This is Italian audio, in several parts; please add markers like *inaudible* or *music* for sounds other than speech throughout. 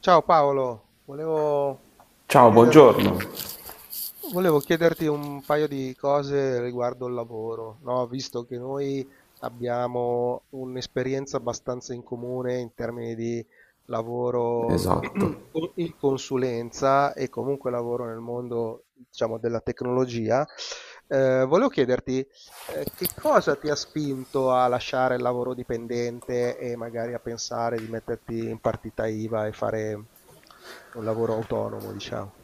Ciao Paolo, volevo Ciao, chiederti, buongiorno. volevo chiederti un paio di cose riguardo il lavoro, no? Visto che noi abbiamo un'esperienza abbastanza in comune in termini di lavoro Esatto. *clears throat* in consulenza e comunque lavoro nel mondo, diciamo, della tecnologia, volevo chiederti che cosa ti ha spinto a lasciare il lavoro dipendente e magari a pensare di metterti in partita IVA e fare un lavoro autonomo, diciamo?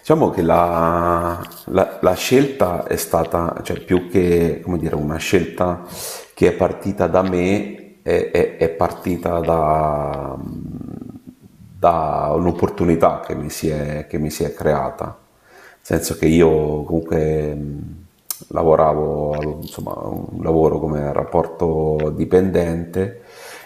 Diciamo che la scelta è stata, cioè più che, come dire, una scelta che è partita da me, è partita da, da un'opportunità che che mi si è creata. Nel senso che io comunque lavoravo, avevo, insomma, un lavoro come rapporto dipendente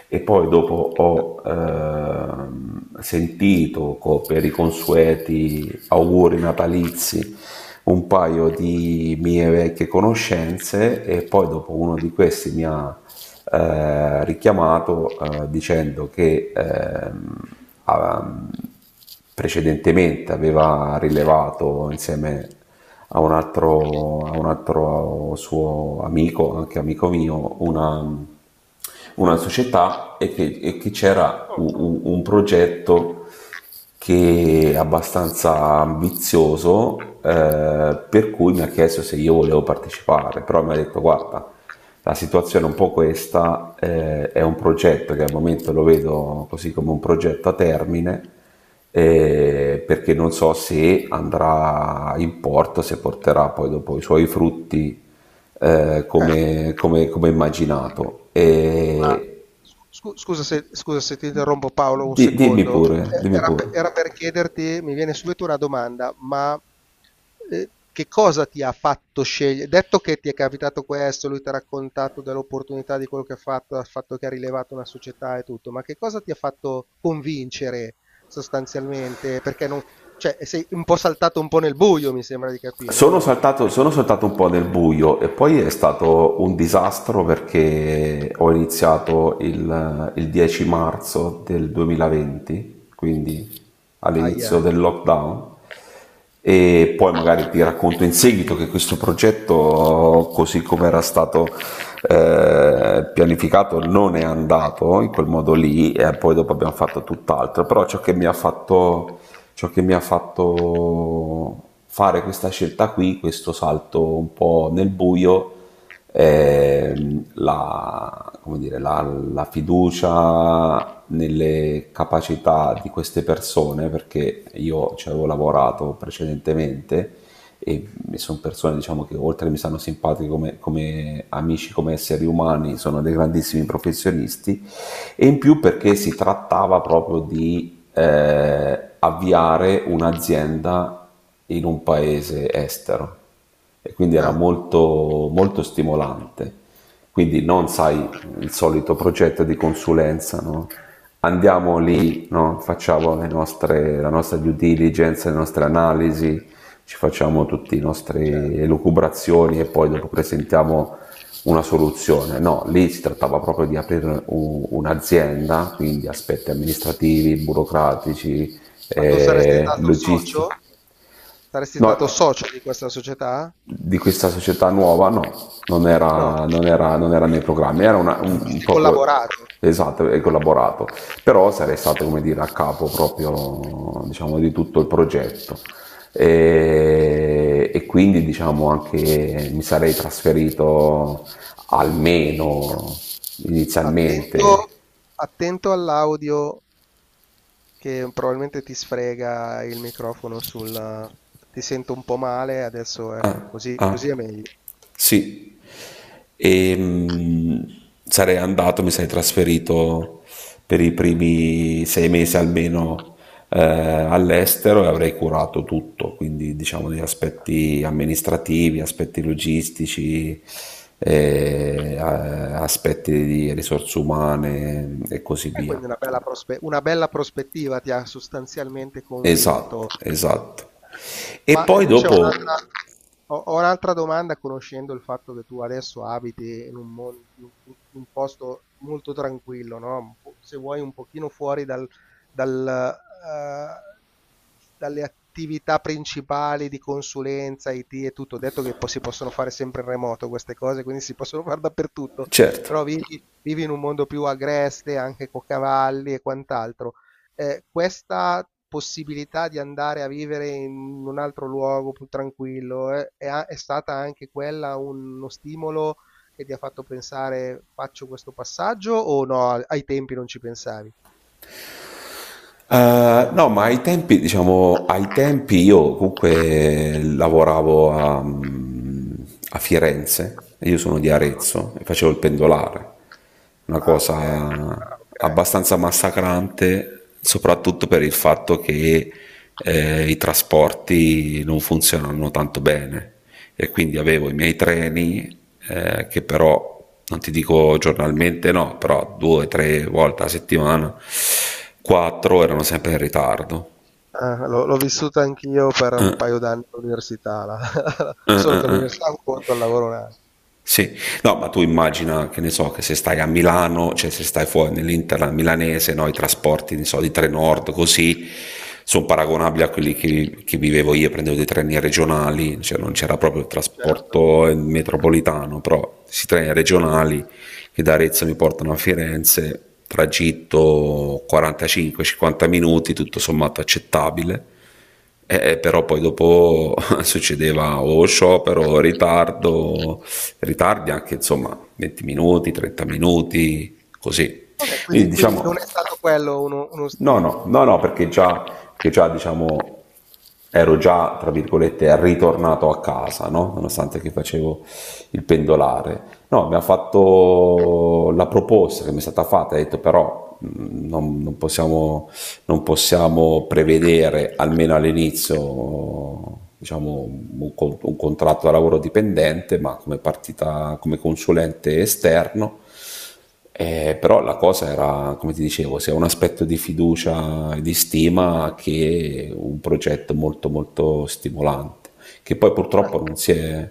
e poi dopo ho sentito per i consueti auguri natalizi un paio di mie vecchie conoscenze e poi dopo uno di questi mi ha richiamato dicendo che ah, precedentemente aveva rilevato insieme a un altro suo amico, anche amico mio, una società e che c'era Oh. Un progetto che è abbastanza ambizioso, per cui mi ha chiesto se io volevo partecipare, però mi ha detto guarda, la situazione è un po' questa, è un progetto che al momento lo vedo così come un progetto a termine, perché non so se andrà in porto, se porterà poi dopo i suoi frutti, Eh, come, come immaginato. ma E scusa se ti interrompo Paolo un dimmi secondo. pure, dimmi pure. Era per chiederti, mi viene subito una domanda, ma Ehm, che cosa ti ha fatto sceglie detto che ti è capitato questo, lui t'ha raccontato dell'opportunità di quello che ha fatto, dal fatto che ha rilevato una società e tutto, ma che cosa ti ha fatto convincere sostanzialmente? Perché non, cioè, sei un po' saltato un po' nel buio, mi sembra di capire, o no? Sono saltato un po' nel buio e poi è stato un disastro perché ho iniziato il 10 marzo del 2020, quindi all'inizio Aia. del lockdown, e poi magari ti racconto in seguito che questo progetto così come era stato, pianificato non è andato in quel modo lì e poi dopo abbiamo fatto tutt'altro. Però ciò che mi ha fatto fare questa scelta qui, questo salto un po' nel buio, è la, come dire, la, la fiducia nelle capacità di queste persone, perché io ci avevo lavorato precedentemente, e sono persone diciamo, che oltre che mi stanno simpatiche come, come amici, come esseri umani, sono dei grandissimi professionisti, e in più perché si trattava proprio di, avviare un'azienda in un paese estero, e quindi era Ah, molto, molto stimolante. Quindi non sai, il solito progetto di consulenza, no? Andiamo lì, no? Facciamo la nostra due diligence, le nostre analisi, ci facciamo tutte le nostre certo. elucubrazioni e poi dopo presentiamo una soluzione. No, lì si trattava proprio di aprire un'azienda, quindi aspetti amministrativi, burocratici, Ma tu saresti stato socio? logistici. Saresti stato No, socio di questa società? di questa società nuova, no, No, non era nei programmi, era ci un avresti proprio, collaborato. esatto, e collaborato, però sarei stato, come dire, a capo proprio, diciamo, di tutto il progetto. E quindi, diciamo, anche mi sarei trasferito almeno Attento, inizialmente. attento all'audio che probabilmente ti sfrega il microfono sul... ti sento un po' male, adesso ecco, Ah, così, così ah. è meglio. Sì, e sarei andato, mi sarei trasferito per i primi 6 mesi almeno, all'estero, e avrei curato tutto, quindi diciamo gli aspetti amministrativi, aspetti logistici, aspetti di risorse umane e così E via. quindi una bella una bella prospettiva ti ha sostanzialmente convinto. Esatto, esatto. E Ma poi invece ho dopo, un'altra, ho un'altra domanda, conoscendo il fatto che tu adesso abiti in un, in un posto molto tranquillo, no? Se vuoi un pochino fuori dal, eh, dalle attività principali di consulenza, IT e tutto. Ho detto che poi si possono fare sempre in remoto queste cose, quindi si possono fare dappertutto certo. però vivi, vivi in un mondo più agreste, anche con cavalli e quant'altro. Questa possibilità di andare a vivere in un altro luogo più tranquillo è stata anche quella uno stimolo che ti ha fatto pensare faccio questo passaggio o no, ai tempi non ci pensavi? No, ma ai tempi, diciamo, ai tempi io comunque lavoravo a, a Firenze, e io sono di Arezzo e facevo il pendolare, una Ah, ok. cosa Ah, ok. abbastanza massacrante, soprattutto per il fatto che, i trasporti non funzionano tanto bene, e quindi avevo i miei treni, che però non ti dico giornalmente, no, però due o tre volte a settimana, quattro, erano sempre in ritardo. Ah, l'ho l'ho vissuta anch'io per un paio d'anni all'università, *laughs* solo che Eh. all'università è un conto, al lavoro un altro. Sì, no, ma tu immagina, che ne so, che se stai a Milano, cioè se stai fuori nell'Interland milanese, no, i trasporti, ne so, di Trenord, così, sono paragonabili a quelli che vivevo io. Prendevo dei treni regionali, cioè non c'era proprio il Certo. trasporto, metropolitano, però questi treni regionali che da Arezzo mi portano a Firenze, tragitto 45-50 minuti, tutto sommato accettabile. Però poi dopo *laughs* succedeva o sciopero, o ritardo, ritardi anche insomma 20 minuti, 30 minuti, così. Ok, Quindi quindi, quindi diciamo non è stato quello uno, uno no, no, stimolo. no, no, perché già diciamo ero già, tra virgolette, ritornato a casa, no? Nonostante che facevo il pendolare. No, mi ha fatto la proposta che mi è stata fatta, ha detto però non possiamo prevedere, almeno all'inizio, diciamo, contratto da lavoro dipendente, ma come partita, come consulente esterno. Però la cosa era, come ti dicevo, sia un aspetto di fiducia e di stima che un progetto molto molto stimolante, che poi Beh, purtroppo non si è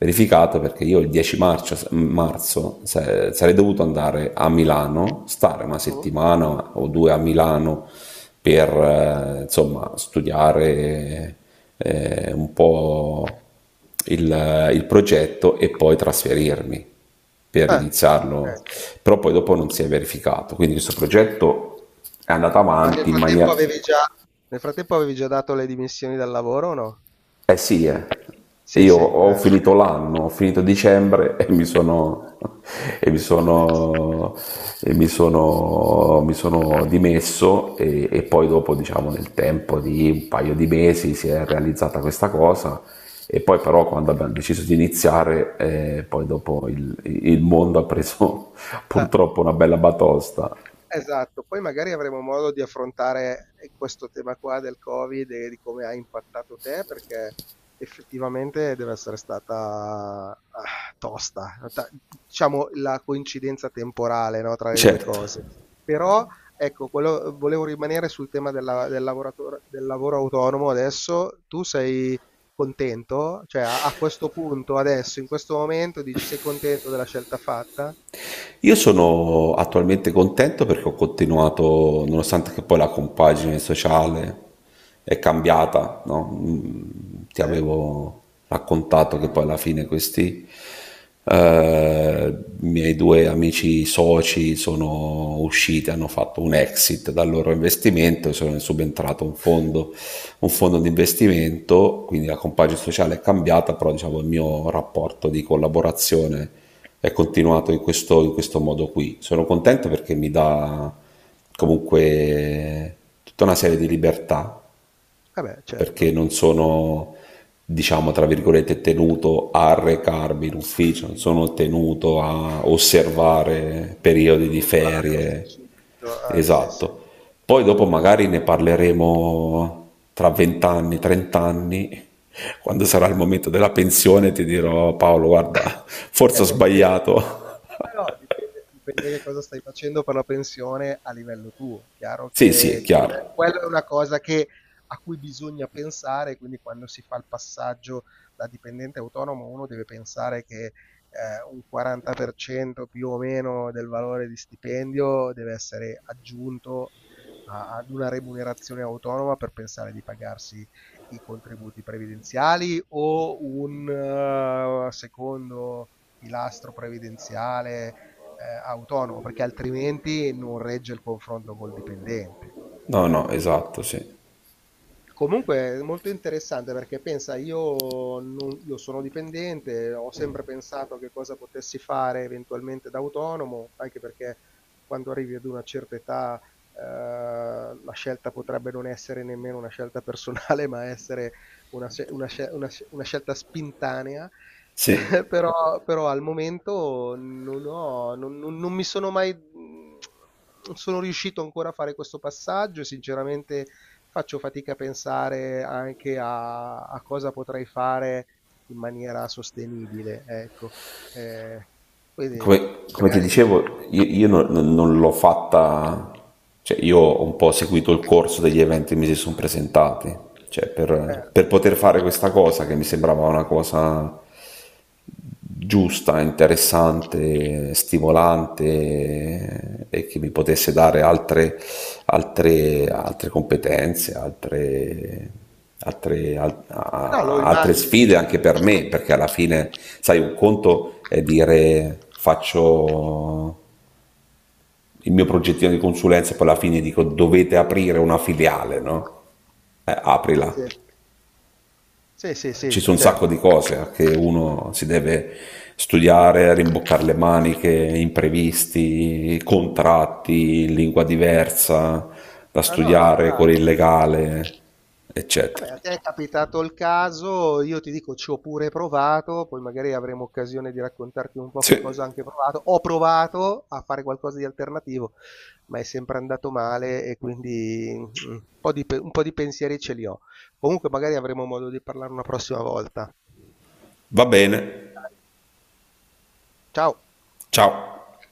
verificato, perché io il 10 marzo, sarei dovuto andare a Milano, stare una mm, settimana o 2 a Milano per, insomma studiare, un po' il progetto e poi trasferirmi per iniziarlo, ok. però poi dopo non si è verificato, quindi questo progetto è andato Ma nel avanti in maniera... frattempo avevi già, nel frattempo avevi già dato le dimissioni dal lavoro o no? Eh sì, eh. Sì, Io sì, ho finito ok. l'anno, ho finito dicembre e e mi Ti sei dimesso. sono, mi sono dimesso, e poi dopo, diciamo, nel tempo di un paio di mesi si è realizzata questa cosa, e poi però quando abbiamo deciso di iniziare, poi dopo il mondo ha preso *laughs* Eh. purtroppo una bella batosta. Esatto, poi magari avremo modo di affrontare questo tema qua del Covid e di come ha impattato te, perché effettivamente deve essere stata ah, tosta, Ta- diciamo la coincidenza temporale, no, tra le due Certo. cose. Però, ecco, quello- volevo rimanere sul tema del lavoratore, del lavoro autonomo adesso. Tu sei contento? Cioè, a a questo punto, adesso, in questo momento, dici sei contento della scelta fatta? Io sono attualmente contento perché ho continuato, nonostante che poi la compagine sociale è cambiata, no? Mm, ti Sì? avevo raccontato Sì. che poi alla fine questi, miei due amici soci sono usciti, hanno fatto un exit dal loro investimento, e sono subentrato un fondo di investimento, quindi la compagine sociale è cambiata, però diciamo il mio rapporto di collaborazione è continuato in questo modo qui. Sono contento perché mi dà comunque tutta una serie di libertà, Eh beh, perché certo. non sono, diciamo, tra virgolette, tenuto a recarmi in ufficio, non sono tenuto a osservare periodi di Un orario ferie. specifico, sì, sì. Esatto. Poi dopo magari ne parleremo tra 20 anni, 30 anni, quando sarà il Eh. momento della pensione, ti dirò Paolo, *laughs* guarda, forse Eh ho beh, dipende. sbagliato. *laughs* Eh no, dipende dipende che cosa stai facendo per la pensione a livello tuo. Chiaro Sì, sì, è che chiaro. Quella è una cosa a cui bisogna pensare, quindi quando si fa il passaggio da dipendente a autonomo uno deve pensare che un 40% più o meno del valore di stipendio deve essere aggiunto ad una remunerazione autonoma per pensare di pagarsi i contributi previdenziali o un secondo pilastro previdenziale autonomo, perché altrimenti non regge il confronto col dipendente. No, Eh. no, esatto, sì. Comunque è molto interessante perché pensa, io non- io sono dipendente, ho sempre pensato a che cosa potessi fare eventualmente da autonomo, anche perché quando arrivi ad una certa età, la scelta potrebbe non essere nemmeno una scelta personale, *laughs* ma essere una, una scelta spintanea. Sì. *laughs* Però, però al momento non ho, non, non mi sono mai, non sono riuscito ancora a fare questo passaggio, e sinceramente faccio fatica a pensare anche a, a cosa potrei fare in maniera sostenibile, ecco. Eh, quindi Come, come ti magari... dicevo, io non l'ho fatta, cioè io ho un po' seguito il corso degli eventi che mi si sono presentati, cioè eh, per poter fare questa cosa che mi sembrava una cosa giusta, interessante, stimolante e che mi potesse dare altre, altre competenze, no, lo altre immagino. sfide anche per me, perché alla fine, sai, un conto è dire faccio il mio progettino di consulenza e poi alla fine dico dovete aprire una filiale, no? Aprila. Sì, sì, sì, Ci sì, sono un sacco certo. di cose, che uno si deve studiare, rimboccare le maniche, imprevisti, contratti, lingua diversa, da Ah, no, no, studiare con chiaro. il Chiaro. legale, eccetera. Vabbè, a te è capitato il caso, io ti dico ci ho pure provato, poi magari avremo occasione di raccontarti un po' che Sì, cosa ho anche provato. Ho provato a fare qualcosa di alternativo, ma è sempre andato male e quindi mm, un po' di, un po' di pensieri ce li ho. Comunque magari avremo modo di parlare una prossima volta. va bene. Ciao! Ciao.